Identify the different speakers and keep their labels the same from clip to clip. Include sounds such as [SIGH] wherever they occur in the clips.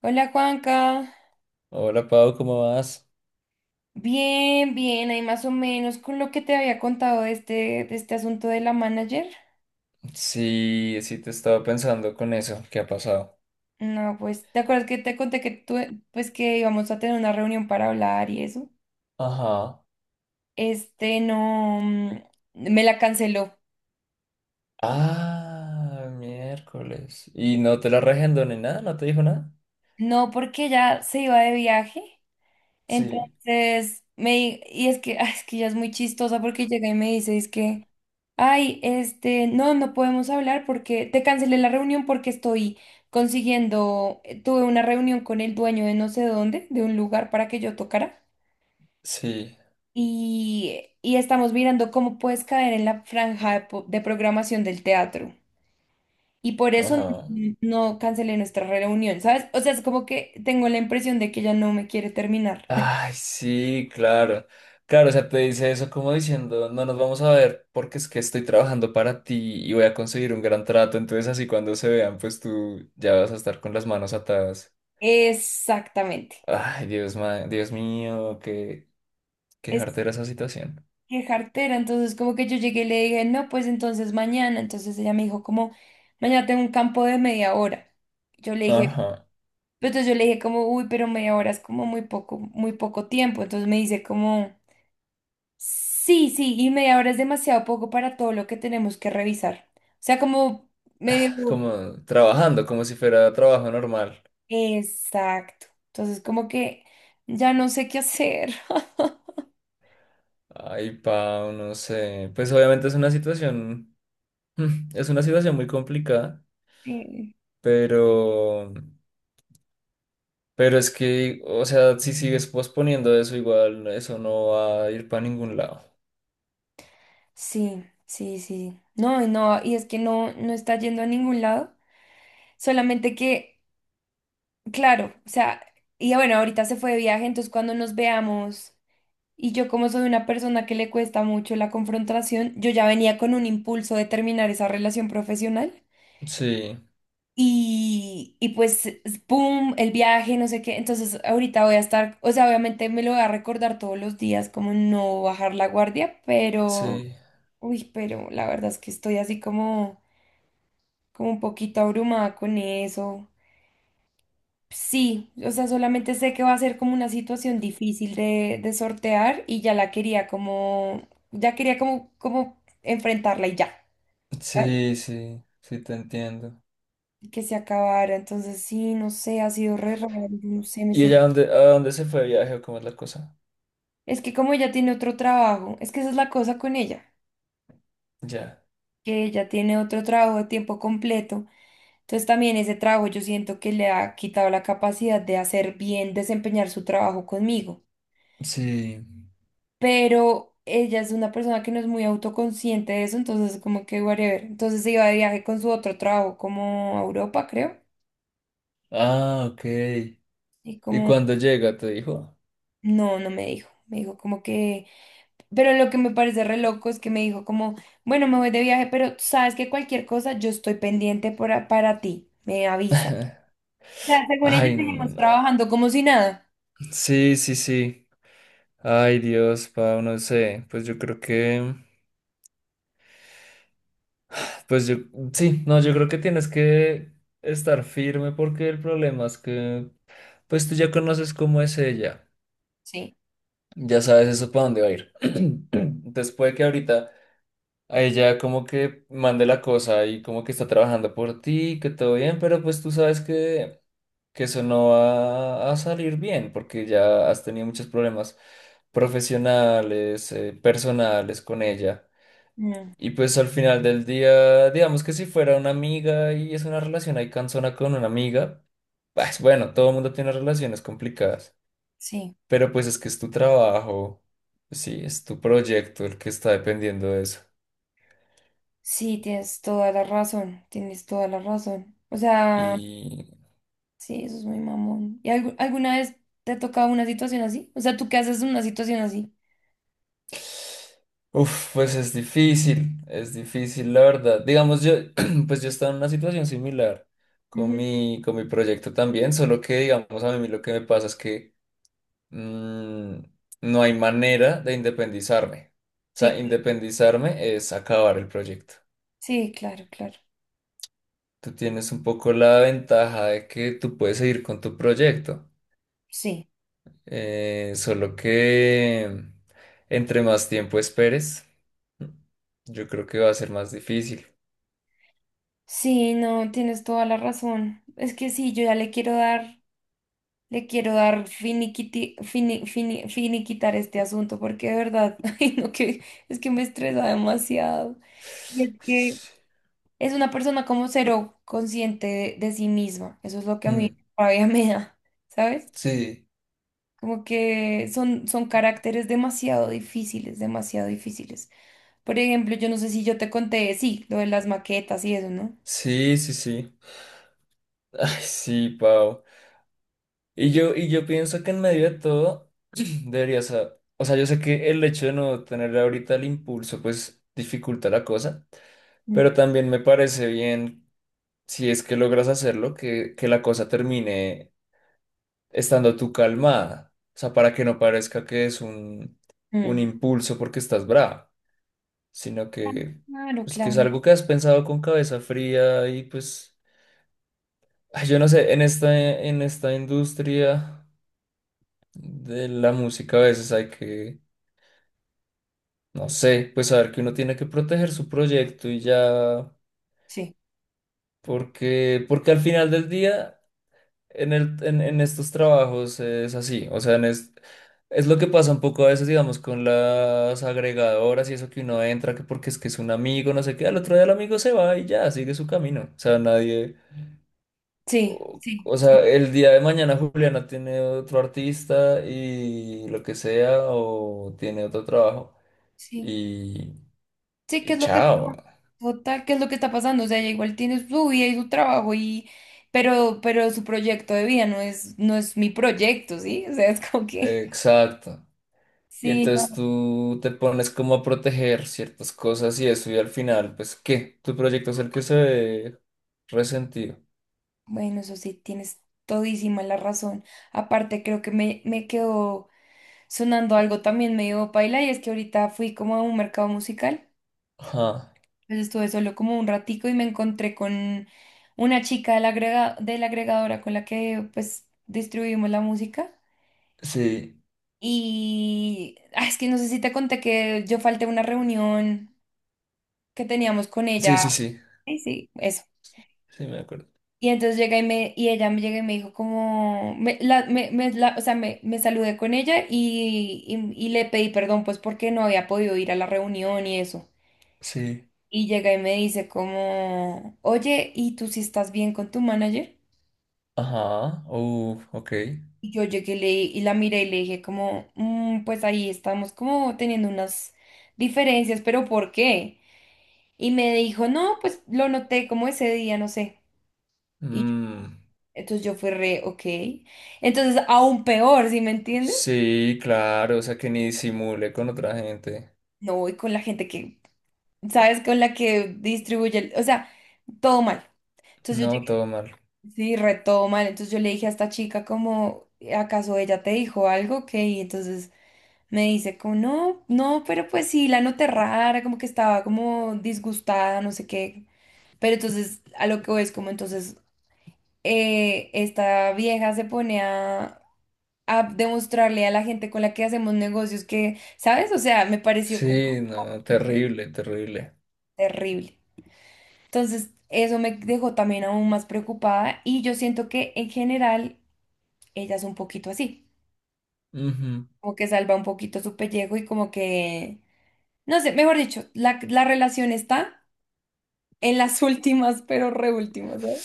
Speaker 1: Hola Juanca,
Speaker 2: Hola Pau, ¿cómo vas?
Speaker 1: bien, bien, ahí más o menos con lo que te había contado de este asunto de la manager.
Speaker 2: Sí, sí te estaba pensando con eso, ¿qué ha pasado?
Speaker 1: No, pues, ¿te acuerdas que te conté que tú, pues que íbamos a tener una reunión para hablar y eso?
Speaker 2: Ajá.
Speaker 1: No, me la canceló.
Speaker 2: Ah, miércoles. ¿Y no te la regendó ni nada? ¿No te dijo nada?
Speaker 1: No, porque ya se iba de viaje.
Speaker 2: Sí,
Speaker 1: Entonces, y es que, [LAUGHS] ah, es que ya es muy chistosa porque llega y me dice, es que... Ay, no podemos hablar porque te cancelé la reunión porque estoy consiguiendo, tuve una reunión con el dueño de no sé dónde, de un lugar para que yo tocara
Speaker 2: sí,
Speaker 1: y estamos mirando cómo puedes caer en la franja de, de programación del teatro. Y por eso
Speaker 2: ajá.
Speaker 1: no cancelé nuestra reunión, ¿sabes? O sea, es como que tengo la impresión de que ya no me quiere terminar.
Speaker 2: Ay, sí, claro. Claro, o sea, te dice eso como diciendo, no nos vamos a ver porque es que estoy trabajando para ti y voy a conseguir un gran trato, entonces así cuando se vean, pues tú ya vas a estar con las manos atadas.
Speaker 1: [LAUGHS] Exactamente.
Speaker 2: Ay, Dios, Dios mío, qué, qué jartera esa situación.
Speaker 1: Qué jartera. Entonces, como que yo llegué y le dije, no, pues entonces mañana. Entonces ella me dijo, como, mañana tengo un campo de media hora. Yo le dije,
Speaker 2: Ajá,
Speaker 1: pues entonces yo le dije como, uy, pero media hora es como muy poco tiempo. Entonces me dice como, sí, sí, y media hora es demasiado poco para todo lo que tenemos que revisar. O sea, como medio...
Speaker 2: como trabajando, como si fuera trabajo normal.
Speaker 1: Exacto. Entonces, como que ya no sé qué hacer. [LAUGHS]
Speaker 2: Ay, Pau, no sé. Pues obviamente es una situación, [LAUGHS] es una situación muy complicada,
Speaker 1: Sí,
Speaker 2: pero, pero es que, o sea, si sigues posponiendo eso, igual eso no va a ir para ningún lado.
Speaker 1: sí, sí. Sí. No, y no, y es que no está yendo a ningún lado. Solamente que, claro, o sea, y bueno, ahorita se fue de viaje, entonces cuando nos veamos, y yo como soy una persona que le cuesta mucho la confrontación, yo ya venía con un impulso de terminar esa relación profesional.
Speaker 2: Sí,
Speaker 1: Y pues, ¡pum!, el viaje, no sé qué. Entonces, ahorita voy a estar, o sea, obviamente me lo voy a recordar todos los días, como no bajar la guardia, pero,
Speaker 2: sí,
Speaker 1: uy, pero la verdad es que estoy así como, como un poquito abrumada con eso. Sí, o sea, solamente sé que va a ser como una situación difícil de sortear y ya quería como enfrentarla y ya, ¿sabes?
Speaker 2: sí, sí, sí, te entiendo.
Speaker 1: Que se acabara. Entonces, sí, no sé, ha sido re raro, no sé, me
Speaker 2: ¿Y
Speaker 1: siento.
Speaker 2: ella dónde, a dónde se fue de viaje o cómo es la cosa?
Speaker 1: Es que como ella tiene otro trabajo, es que esa es la cosa con ella,
Speaker 2: Ya.
Speaker 1: que ella tiene otro trabajo de tiempo completo. Entonces también ese trabajo yo siento que le ha quitado la capacidad de hacer bien, desempeñar su trabajo conmigo.
Speaker 2: Sí.
Speaker 1: Pero ella es una persona que no es muy autoconsciente de eso, entonces como que whatever. Entonces se iba de viaje con su otro trabajo como a Europa, creo,
Speaker 2: Ah, ok.
Speaker 1: y
Speaker 2: ¿Y
Speaker 1: como,
Speaker 2: cuándo llega, te dijo?
Speaker 1: no me dijo, me dijo como que, pero lo que me parece re loco es que me dijo como, bueno, me voy de viaje, pero sabes que cualquier cosa yo estoy pendiente para ti, me avisa.
Speaker 2: [LAUGHS]
Speaker 1: O sea, según ella
Speaker 2: Ay,
Speaker 1: seguimos
Speaker 2: no.
Speaker 1: trabajando como si nada.
Speaker 2: Sí, sí, sí. Ay, Dios, pa, no sé. Pues yo creo que. Pues yo. Sí, no, yo creo que tienes que estar firme porque el problema es que. Pues tú ya conoces cómo es ella.
Speaker 1: Sí.
Speaker 2: Ya sabes eso para dónde va a ir. [CLEARS THROAT] Entonces puede que ahorita a ella como que mande la cosa y como que está trabajando por ti, que todo bien, pero pues tú sabes que. Que eso no va a salir bien, porque ya has tenido muchos problemas profesionales, personales con ella.
Speaker 1: Mm,
Speaker 2: Y pues al final del día, digamos que si fuera una amiga y es una relación ahí cansona con una amiga,
Speaker 1: sí,
Speaker 2: pues bueno, todo el mundo tiene relaciones complicadas,
Speaker 1: sí,
Speaker 2: pero pues es que es tu trabajo, sí, es tu proyecto el que está dependiendo de eso.
Speaker 1: sí, tienes toda la razón, tienes toda la razón. O sea...
Speaker 2: Y
Speaker 1: Sí, eso es muy mamón. ¿Y alguna vez te ha tocado una situación así? O sea, ¿tú qué haces en una situación así?
Speaker 2: uf, pues es difícil, la verdad. Digamos, yo, [CLEARS THROAT] pues yo estaba en una situación similar
Speaker 1: Ujú.
Speaker 2: con mi proyecto también, solo que, digamos, a mí lo que me pasa es que mm, no hay manera de independizarme. O
Speaker 1: Sí,
Speaker 2: sea, independizarme es acabar el proyecto.
Speaker 1: sí, claro, claro.
Speaker 2: Tú tienes un poco la ventaja de que tú puedes seguir con tu proyecto,
Speaker 1: Sí.
Speaker 2: solo que entre más tiempo esperes, yo creo que va a ser más difícil.
Speaker 1: Sí, no, tienes toda la razón. Es que sí, yo ya le quiero dar finiquitar este asunto, porque de verdad, [LAUGHS] ay, no, que es que me estresa demasiado. Y es que es una persona como cero consciente de sí misma. Eso es lo que a mí
Speaker 2: Mm,
Speaker 1: todavía me da, ¿sabes?
Speaker 2: sí,
Speaker 1: Como que son, son caracteres demasiado difíciles, demasiado difíciles. Por ejemplo, yo no sé si yo te conté, sí, lo de las maquetas y eso, ¿no?
Speaker 2: sí, sí, sí. [LAUGHS] Ay, sí, Pau. Y yo pienso que en medio de todo [CLEARS THROAT] deberías, o sea, yo sé que el hecho de no tener ahorita el impulso, pues dificulta la cosa,
Speaker 1: Mm.
Speaker 2: pero también me parece bien, si es que logras hacerlo, que la cosa termine estando tú calmada. O sea, para que no parezca que es un
Speaker 1: Mm.
Speaker 2: impulso porque estás brava, sino que,
Speaker 1: Claro,
Speaker 2: pues, que es
Speaker 1: claro.
Speaker 2: algo que has pensado con cabeza fría y pues... Ay, yo no sé, en esta industria de la música a veces hay que, no sé, pues saber que uno tiene que proteger su proyecto y ya,
Speaker 1: Sí.
Speaker 2: porque, porque al final del día en el, en estos trabajos es así, o sea, en es lo que pasa un poco a veces, digamos, con las agregadoras y eso que uno entra, que porque es que es un amigo, no sé qué, al otro día el amigo se va y ya, sigue su camino, o sea, nadie...
Speaker 1: Sí,
Speaker 2: O,
Speaker 1: sí,
Speaker 2: o sea,
Speaker 1: sí,
Speaker 2: el día de mañana Juliana tiene otro artista y lo que sea, o tiene otro trabajo
Speaker 1: sí.
Speaker 2: y,
Speaker 1: Sí, ¿qué
Speaker 2: y
Speaker 1: es lo que
Speaker 2: chao.
Speaker 1: total, ¿qué es lo que está pasando? O sea, ella igual tiene su vida y su trabajo y, pero su proyecto de vida no es mi proyecto, ¿sí? O sea, es como que,
Speaker 2: Exacto. Y
Speaker 1: sí, no.
Speaker 2: entonces tú te pones como a proteger ciertas cosas y eso, y al final, pues, ¿qué? Tu proyecto es el que se ve resentido.
Speaker 1: Bueno, eso sí, tienes todísima la razón. Aparte, creo que me quedó sonando algo también medio paila y es que ahorita fui como a un mercado musical,
Speaker 2: Ajá.
Speaker 1: pues estuve solo como un ratico y me encontré con una chica de la agregadora con la que pues distribuimos la música
Speaker 2: Sí,
Speaker 1: y ah, es que no sé si te conté que yo falté a una reunión que teníamos con
Speaker 2: sí,
Speaker 1: ella,
Speaker 2: sí, sí.
Speaker 1: sí, sí, eso.
Speaker 2: Sí, me acuerdo.
Speaker 1: Y entonces llega y ella me llega y me dijo como, me, la, me- la- o sea, me saludé con ella y le pedí perdón pues porque no había podido ir a la reunión y eso.
Speaker 2: Sí.
Speaker 1: Y llega y me dice como, oye, ¿y tú si estás bien con tu manager?
Speaker 2: Ajá. Ok.
Speaker 1: Y yo llegué y la miré y le dije como, "Mm, pues ahí estamos como teniendo unas diferencias, pero ¿por qué?" Y me dijo, no, pues lo noté como ese día, no sé. Y yo-
Speaker 2: Mm,
Speaker 1: entonces yo fui re, ok. Entonces aún peor, ¿sí me entiendes?
Speaker 2: sí, claro, o sea que ni disimule con otra gente.
Speaker 1: No voy con la gente que, ¿sabes? Con la que distribuye, o sea, todo mal. Entonces yo
Speaker 2: No, todo mal.
Speaker 1: Sí, retó mal. Entonces yo le dije a esta chica como, ¿acaso ella te dijo algo? Que Y entonces me dice como, no, no, pero pues sí, la noté rara, como que estaba como disgustada, no sé qué. Pero entonces a lo que voy es como, entonces esta vieja se pone a demostrarle a la gente con la que hacemos negocios que, ¿sabes? O sea, me pareció como
Speaker 2: Sí, no, terrible, terrible.
Speaker 1: terrible. Entonces eso me dejó también aún más preocupada y yo siento que en general ella es un poquito así.
Speaker 2: Ujú.
Speaker 1: Como que salva un poquito su pellejo y como que, no sé, mejor dicho, la relación está en las [LAUGHS] últimas, pero reúltimas, ¿sabes?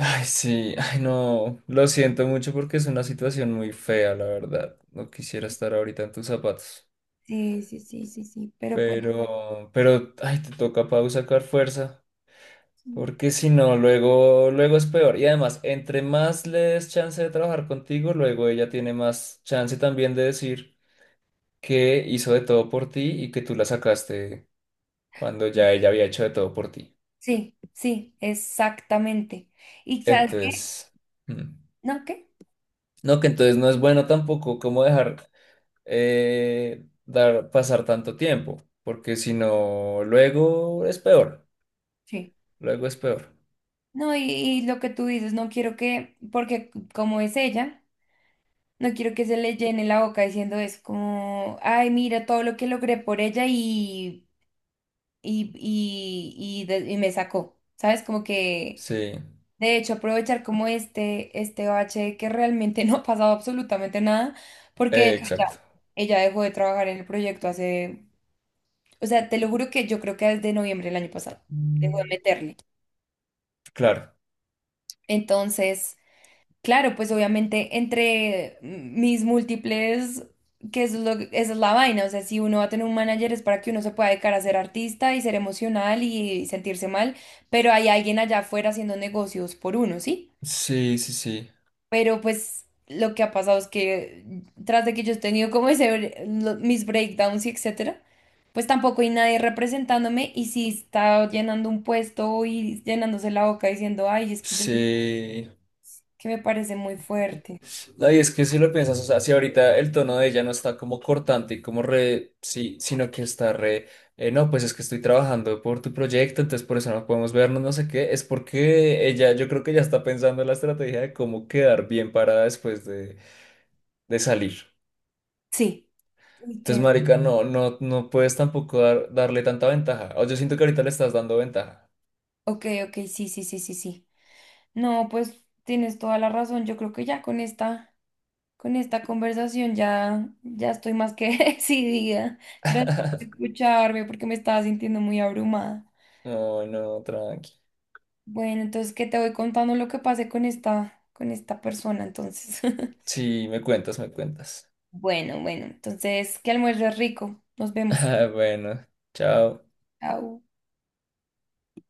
Speaker 2: Ay, sí, ay, no. Lo siento mucho porque es una situación muy fea, la verdad. No quisiera estar ahorita en tus zapatos.
Speaker 1: Sí, sí, sí, sí, sí, pero pues...
Speaker 2: Pero, ay, te toca, Pau, sacar fuerza.
Speaker 1: Mm,
Speaker 2: Porque si no, luego, luego es peor. Y además, entre más le des chance de trabajar contigo, luego ella tiene más chance también de decir que hizo de todo por ti y que tú la sacaste cuando ya ella había hecho de todo por ti.
Speaker 1: sí, sí, exactamente. ¿Y sabes qué?
Speaker 2: Entonces, mm,
Speaker 1: ¿No qué?
Speaker 2: no, que entonces no es bueno tampoco como dejar, dar pasar tanto tiempo, porque si no, luego es peor,
Speaker 1: Sí.
Speaker 2: luego es peor.
Speaker 1: No, y lo que tú dices, no quiero que, porque como es ella, no quiero que se le llene la boca diciendo eso, como, ay, mira todo lo que logré por ella y me sacó, ¿sabes? Como que...
Speaker 2: Sí,
Speaker 1: De hecho, aprovechar como este bache de que realmente [LAUGHS] no ha pasado absolutamente nada, porque
Speaker 2: exacto.
Speaker 1: ella dejó de trabajar en el proyecto hace, o sea, te lo juro que yo creo que desde noviembre del año pasado,
Speaker 2: Mm.
Speaker 1: dejó de meterle.
Speaker 2: Claro,
Speaker 1: Entonces, claro, pues obviamente entre mis múltiples, que eso es lo, esa es la vaina, o sea, si uno va a tener un manager es para que uno se pueda dedicar a ser artista y ser emocional y sentirse mal, pero hay alguien allá afuera haciendo negocios por uno, ¿sí?
Speaker 2: sí, sí, sí,
Speaker 1: Pero pues lo que ha pasado es que tras de que yo he tenido como ese, mis breakdowns y etcétera, pues tampoco hay nadie representándome y si está llenando un puesto y llenándose la boca diciendo, ay, es que yo,
Speaker 2: sí.
Speaker 1: que me parece muy fuerte.
Speaker 2: No, y es que si lo piensas, o sea, si ahorita el tono de ella no está como cortante y como re, sí, sino que está re, no, pues es que estoy trabajando por tu proyecto, entonces por eso no podemos vernos, no sé qué, es porque ella, yo creo que ya está pensando en la estrategia de cómo quedar bien parada después de salir.
Speaker 1: Sí. Uy,
Speaker 2: Entonces, marica, no, no, no puedes tampoco darle tanta ventaja. O yo siento que ahorita le estás dando ventaja.
Speaker 1: ok, ok, sí, sí, sí, sí, sí. No, pues tienes toda la razón. Yo creo que ya con esta conversación ya, ya estoy más que [LAUGHS] decidida. Gracias por
Speaker 2: [LAUGHS]
Speaker 1: escucharme porque me estaba sintiendo muy abrumada.
Speaker 2: No, no, tranqui.
Speaker 1: Bueno, entonces qué te voy contando lo que pasé con esta persona, entonces. [LAUGHS]
Speaker 2: Sí, me cuentas, me cuentas.
Speaker 1: Bueno, bueno, entonces que almuerzo rico. Nos vemos.
Speaker 2: [LAUGHS] Bueno, chao.
Speaker 1: Chao.